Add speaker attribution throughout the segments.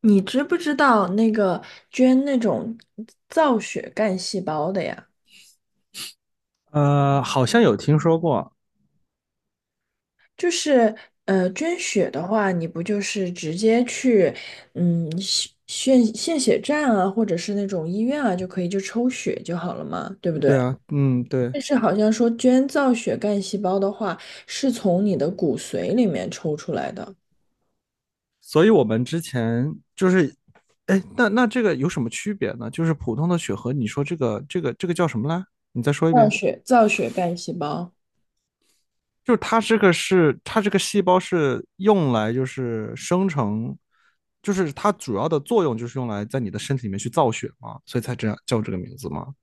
Speaker 1: 你知不知道那个捐那种造血干细胞的呀？
Speaker 2: 好像有听说过。
Speaker 1: 就是捐血的话，你不就是直接去嗯血献献血站啊，或者是那种医院啊，就可以就抽血就好了嘛，对不对？
Speaker 2: 对啊，嗯，对，
Speaker 1: 但是好像说捐造血干细胞的话，是从你的骨髓里面抽出来的，
Speaker 2: 所以我们之前就是，哎，那这个有什么区别呢？就是普通的血核，你说这个叫什么来？你再说一
Speaker 1: 造
Speaker 2: 遍。
Speaker 1: 血造血干细胞。
Speaker 2: 就是它这个是它这个细胞是用来就是生成，就是它主要的作用就是用来在你的身体里面去造血嘛，所以才这样叫这个名字嘛。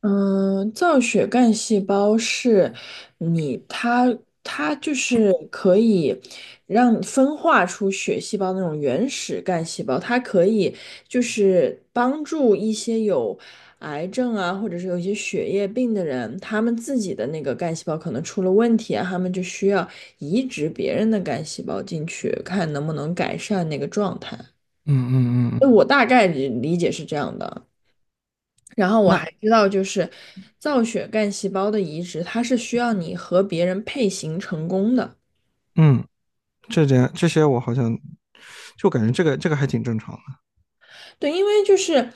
Speaker 1: 嗯，造血干细胞是你它它就是可以让你分化出血细胞那种原始干细胞，它可以就是帮助一些有癌症啊，或者是有一些血液病的人，他们自己的那个干细胞可能出了问题啊，他们就需要移植别人的干细胞进去，看能不能改善那个状态。
Speaker 2: 嗯嗯嗯嗯，
Speaker 1: 我大概理解是这样的。然后我
Speaker 2: 那
Speaker 1: 还知道，就是造血干细胞的移植，它是需要你和别人配型成功的。
Speaker 2: 嗯，这点这些我好像就感觉这个还挺正常的。
Speaker 1: 对，因为就是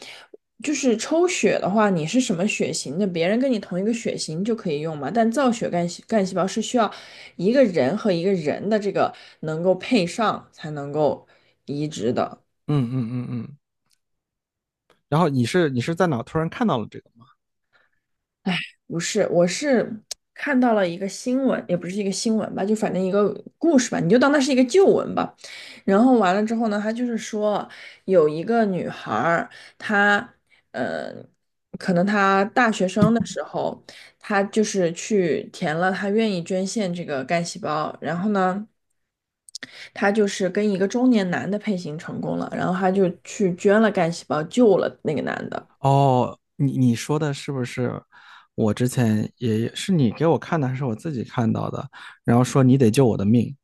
Speaker 1: 就是抽血的话，你是什么血型的，别人跟你同一个血型就可以用嘛。但造血干细胞是需要一个人和一个人的这个能够配上才能够移植的。
Speaker 2: 嗯嗯嗯嗯。然后你是在哪突然看到了这个吗？
Speaker 1: 不是，我是看到了一个新闻，也不是一个新闻吧，就反正一个故事吧，你就当它是一个旧闻吧。然后完了之后呢，他就是说有一个女孩儿，她呃，可能她大学生的时候，她就是去填了她愿意捐献这个干细胞，然后呢。她就是跟一个中年男的配型成功了，然后她就去捐了干细胞，救了那个男的。
Speaker 2: 哦，你说的是不是？我之前也是你给我看的，还是我自己看到的？然后说你得救我的命。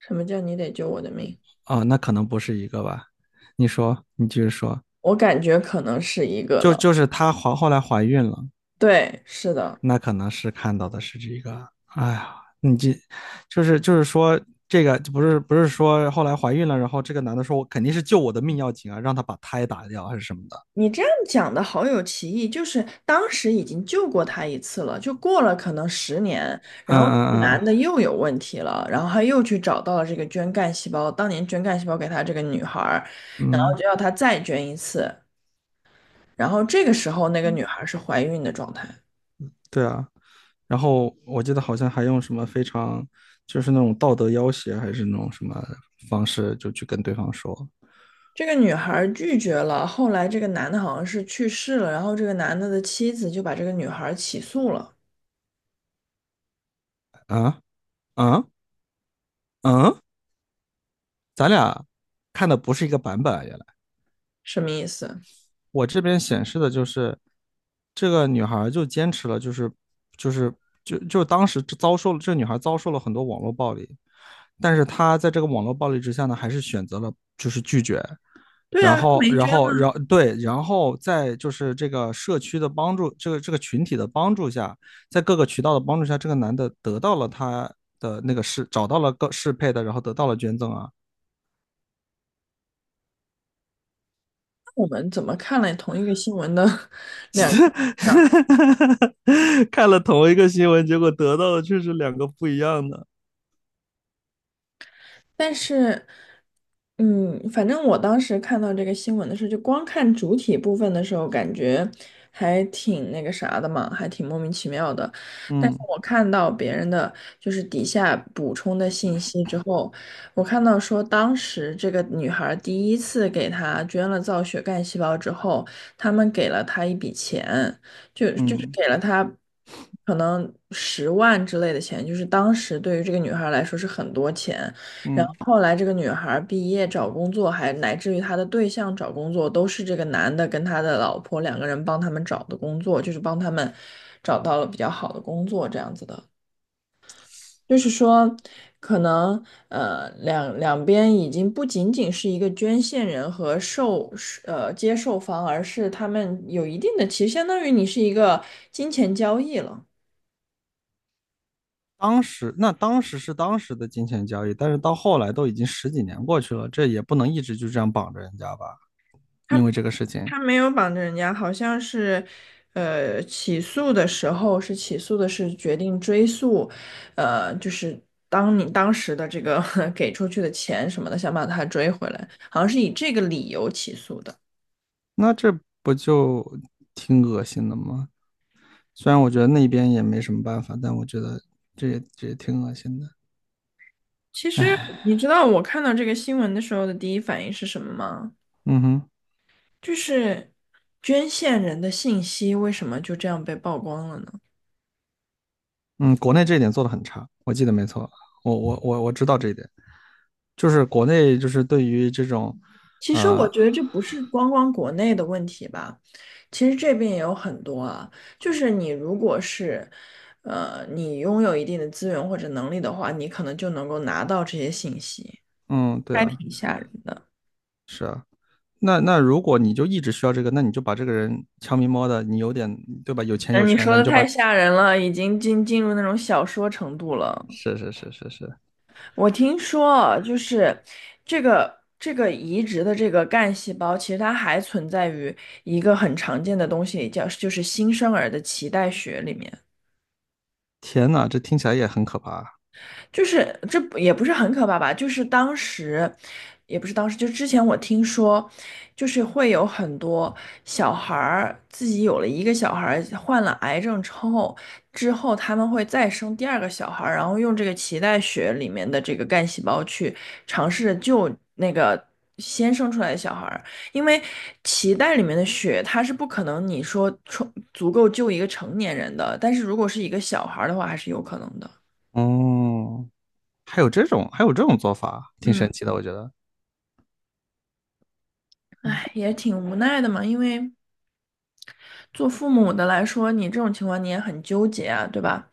Speaker 1: 什么叫你得救我的命？
Speaker 2: 哦，那可能不是一个吧？你说，你继续说。
Speaker 1: 我感觉可能是一个
Speaker 2: 就
Speaker 1: 了。
Speaker 2: 就是她怀后来怀孕了，
Speaker 1: 对，是的，
Speaker 2: 那可能是看到的是这个。哎呀，你这就是说，这个不是说后来怀孕了，然后这个男的说我肯定是救我的命要紧啊，让他把胎打掉还是什么的。
Speaker 1: 你这样讲的好有歧义，就是当时已经救过他一次了，就过了可能10年，
Speaker 2: 嗯
Speaker 1: 然后这个
Speaker 2: 嗯
Speaker 1: 男
Speaker 2: 嗯
Speaker 1: 的又有问题了，然后他又去找到了这个捐干细胞，当年捐干细胞给他这个女孩儿，然
Speaker 2: 嗯，
Speaker 1: 后就
Speaker 2: 嗯，
Speaker 1: 要她再捐一次，然后这个时候那个女孩儿是怀孕的状态。
Speaker 2: 对啊，然后我记得好像还用什么非常就是那种道德要挟，还是那种什么方式，就去跟对方说。
Speaker 1: 这个女孩儿拒绝了，后来这个男的好像是去世了，然后这个男的的妻子就把这个女孩儿起诉了，
Speaker 2: 啊啊啊，咱俩看的不是一个版本，原来。
Speaker 1: 什么意思？
Speaker 2: 我这边显示的就是，这个女孩就坚持了，就是就当时遭受了，这女孩遭受了很多网络暴力，但是她在这个网络暴力之下呢，还是选择了就是拒绝。
Speaker 1: 对
Speaker 2: 然
Speaker 1: 啊，他
Speaker 2: 后
Speaker 1: 没
Speaker 2: 然
Speaker 1: 捐。
Speaker 2: 后然后对，然后在就是这个社区的帮助，这个群体的帮助下，在各个渠道的帮助下，这个男的得到了他的那个适，找到了个适配的，然后得到了捐赠啊。
Speaker 1: 我们怎么看了同一个新闻的 两个？
Speaker 2: 看了同一个新闻，结果得到的却是两个不一样的。
Speaker 1: 但是，反正我当时看到这个新闻的时候，就光看主体部分的时候，感觉还挺那个啥的嘛，还挺莫名其妙的。但是
Speaker 2: 嗯
Speaker 1: 我看到别人的就是底下补充的信息之后，我看到说当时这个女孩第一次给她捐了造血干细胞之后，他们给了她一笔钱，就是
Speaker 2: 嗯
Speaker 1: 给了她可能10万之类的钱，就是当时对于这个女孩来说是很多钱。然
Speaker 2: 嗯，
Speaker 1: 后后来这个女孩儿毕业找工作，还乃至于她的对象找工作，都是这个男的跟他的老婆两个人帮他们找的工作，就是帮他们找到了比较好的工作这样子的。就是说，可能两边已经不仅仅是一个捐献人和接受方，而是他们有一定的，其实相当于你是一个金钱交易了。
Speaker 2: 当时那当时是当时的金钱交易，但是到后来都已经十几年过去了，这也不能一直就这样绑着人家吧？
Speaker 1: 他。
Speaker 2: 因为这个事情，
Speaker 1: 他没有绑着人家，好像是，起诉的时候是起诉的是决定追诉，就是当时的这个 给出去的钱什么的，想把他追回来，好像是以这个理由起诉的。
Speaker 2: 那这不就挺恶心的吗？虽然我觉得那边也没什么办法，但我觉得这也挺恶心的。
Speaker 1: 其实你知道我看到这个新闻的时候的第一反应是什么吗？
Speaker 2: 嗯哼。
Speaker 1: 就是捐献人的信息为什么就这样被曝光了呢？
Speaker 2: 嗯，国内这一点做的很差，我记得没错，我知道这一点，就是国内就是对于这种，
Speaker 1: 其实我
Speaker 2: 呃，
Speaker 1: 觉得这不是光光国内的问题吧，其实这边也有很多啊。就是你如果是，你拥有一定的资源或者能力的话，你可能就能够拿到这些信息，
Speaker 2: 嗯，对
Speaker 1: 还
Speaker 2: 啊，
Speaker 1: 挺吓人的。
Speaker 2: 那，那如果你就一直需要这个，那你就把这个人悄咪摸的，你有点，对吧？有钱有
Speaker 1: 嗯，你
Speaker 2: 权
Speaker 1: 说
Speaker 2: 的，你
Speaker 1: 的
Speaker 2: 就
Speaker 1: 太
Speaker 2: 把，
Speaker 1: 吓人了，已经进入那种小说程度了。
Speaker 2: 是，
Speaker 1: 我听说啊就是这个移植的这个干细胞，其实它还存在于一个很常见的东西里，叫就是新生儿的脐带血里面。
Speaker 2: 天呐，这听起来也很可怕啊。
Speaker 1: 就是这不也不是很可怕吧？就是当时，也不是当时，就之前我听说，就是会有很多小孩儿自己有了一个小孩儿患了癌症之后，之后他们会再生第二个小孩儿，然后用这个脐带血里面的这个干细胞去尝试着救那个先生出来的小孩儿，因为脐带里面的血它是不可能你说充足够救一个成年人的，但是如果是一个小孩儿的话，还是有可能的。
Speaker 2: 哦，还有这种做法啊，挺
Speaker 1: 嗯。
Speaker 2: 神奇的，我觉得。
Speaker 1: 唉，也挺无奈的嘛，因为做父母的来说，你这种情况你也很纠结啊，对吧？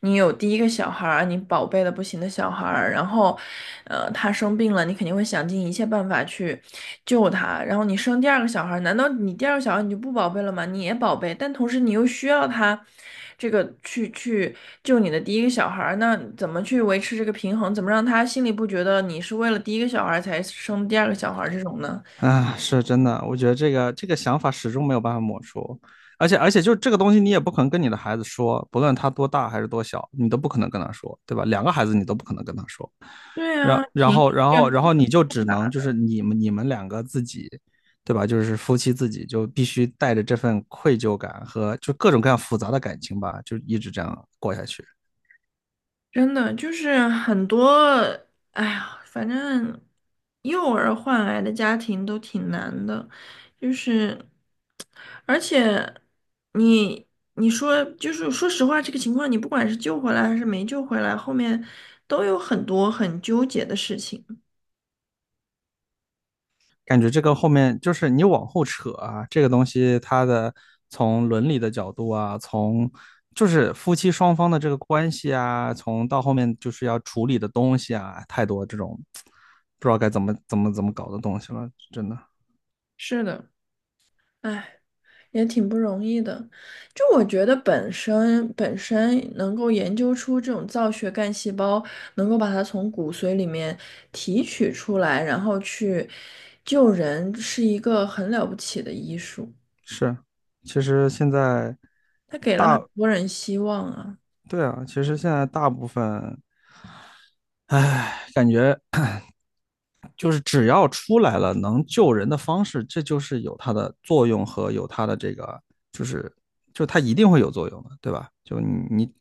Speaker 1: 你有第一个小孩儿，你宝贝的不行的小孩儿，然后，他生病了，你肯定会想尽一切办法去救他。然后你生第二个小孩儿，难道你第二个小孩儿你就不宝贝了吗？你也宝贝，但同时你又需要他这个去救你的第一个小孩儿，那怎么去维持这个平衡？怎么让他心里不觉得你是为了第一个小孩儿才生第二个小孩儿这种呢？
Speaker 2: 啊，是真的，我觉得这个想法始终没有办法抹除，而且就这个东西，你也不可能跟你的孩子说，不论他多大还是多小，你都不可能跟他说，对吧？两个孩子你都不可能跟他说，
Speaker 1: 对
Speaker 2: 然
Speaker 1: 啊，
Speaker 2: 然
Speaker 1: 情
Speaker 2: 后然后
Speaker 1: 绪。
Speaker 2: 然后你就只能就是你们两个自己，对吧？就是夫妻自己就必须带着这份愧疚感和就各种各样复杂的感情吧，就一直这样过下去。
Speaker 1: 真的就是很多，哎呀，反正幼儿换来的家庭都挺难的，就是，而且你你说就是说实话，这个情况你不管是救回来还是没救回来，后面都有很多很纠结的事情。
Speaker 2: 感觉这个后面就是你往后扯啊，这个东西它的，从伦理的角度啊，从就是夫妻双方的这个关系啊，从到后面就是要处理的东西啊，太多这种不知道该怎么搞的东西了，真的
Speaker 1: 是的，哎。也挺不容易的。就我觉得本身能够研究出这种造血干细胞，能够把它从骨髓里面提取出来，然后去救人，是一个很了不起的医术。
Speaker 2: 是。其实现在
Speaker 1: 它给了
Speaker 2: 大，
Speaker 1: 很多人希望啊。
Speaker 2: 对啊，其实现在大部分，唉，感觉就是只要出来了能救人的方式，这就是有它的作用和有它的这个，就是就它一定会有作用的，对吧？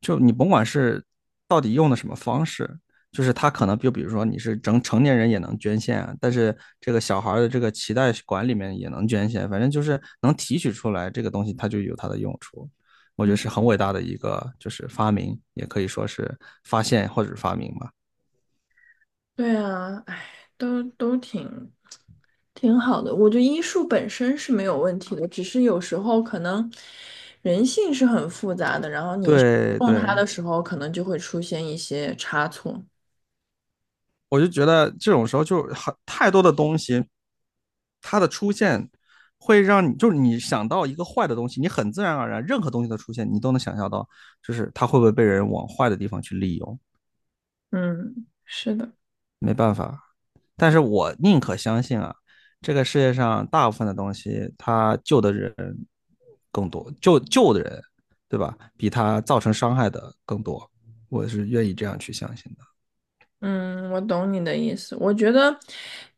Speaker 2: 就你甭管是到底用的什么方式，就是它可能就比如说你是成成年人也能捐献啊，但是这个小孩的这个脐带管里面也能捐献，反正就是能提取出来这个东西，它就有它的用处。我觉得
Speaker 1: 嗯
Speaker 2: 是很伟大的一个，就是发明，也可以说是发现或者发明吧。
Speaker 1: 对啊，哎，都挺好的。我觉得医术本身是没有问题的，只是有时候可能人性是很复杂的，然后你
Speaker 2: 对
Speaker 1: 用它
Speaker 2: 对，
Speaker 1: 的时候，可能就会出现一些差错。
Speaker 2: 我就觉得这种时候就很太多的东西，它的出现会让你就是你想到一个坏的东西，你很自然而然任何东西的出现，你都能想象到，就是它会不会被人往坏的地方去利用，
Speaker 1: 嗯，是的，
Speaker 2: 没办法。但是我宁可相信啊，这个世界上大部分的东西，它救的人更多，救的人，对吧？比他造成伤害的更多，我是愿意这样去相信的。
Speaker 1: 嗯，我懂你的意思。我觉得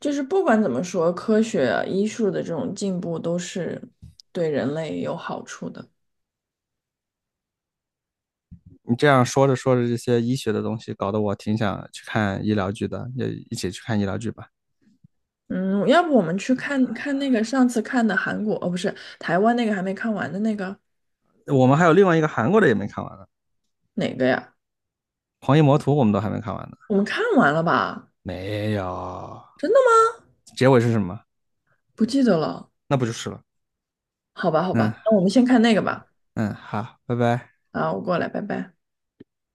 Speaker 1: 就是不管怎么说，科学啊、医术的这种进步都是对人类有好处的。
Speaker 2: 你这样说着说着这些医学的东西，搞得我挺想去看医疗剧的，也一起去看医疗剧吧。
Speaker 1: 嗯，要不我们去看看那个上次看的韩国，哦，不是台湾那个还没看完的那个。
Speaker 2: 我们还有另外一个韩国的也没看完呢，
Speaker 1: 哪个呀？
Speaker 2: 《狂医魔图》我们都还没看完呢。
Speaker 1: 我们看完了吧？
Speaker 2: 没有。
Speaker 1: 真的吗？
Speaker 2: 结尾是什么？
Speaker 1: 不记得了。
Speaker 2: 那不就是了？
Speaker 1: 好吧，好
Speaker 2: 嗯
Speaker 1: 吧，那我们先看那个吧。
Speaker 2: 嗯，好，拜拜。
Speaker 1: 啊，我过来，拜拜。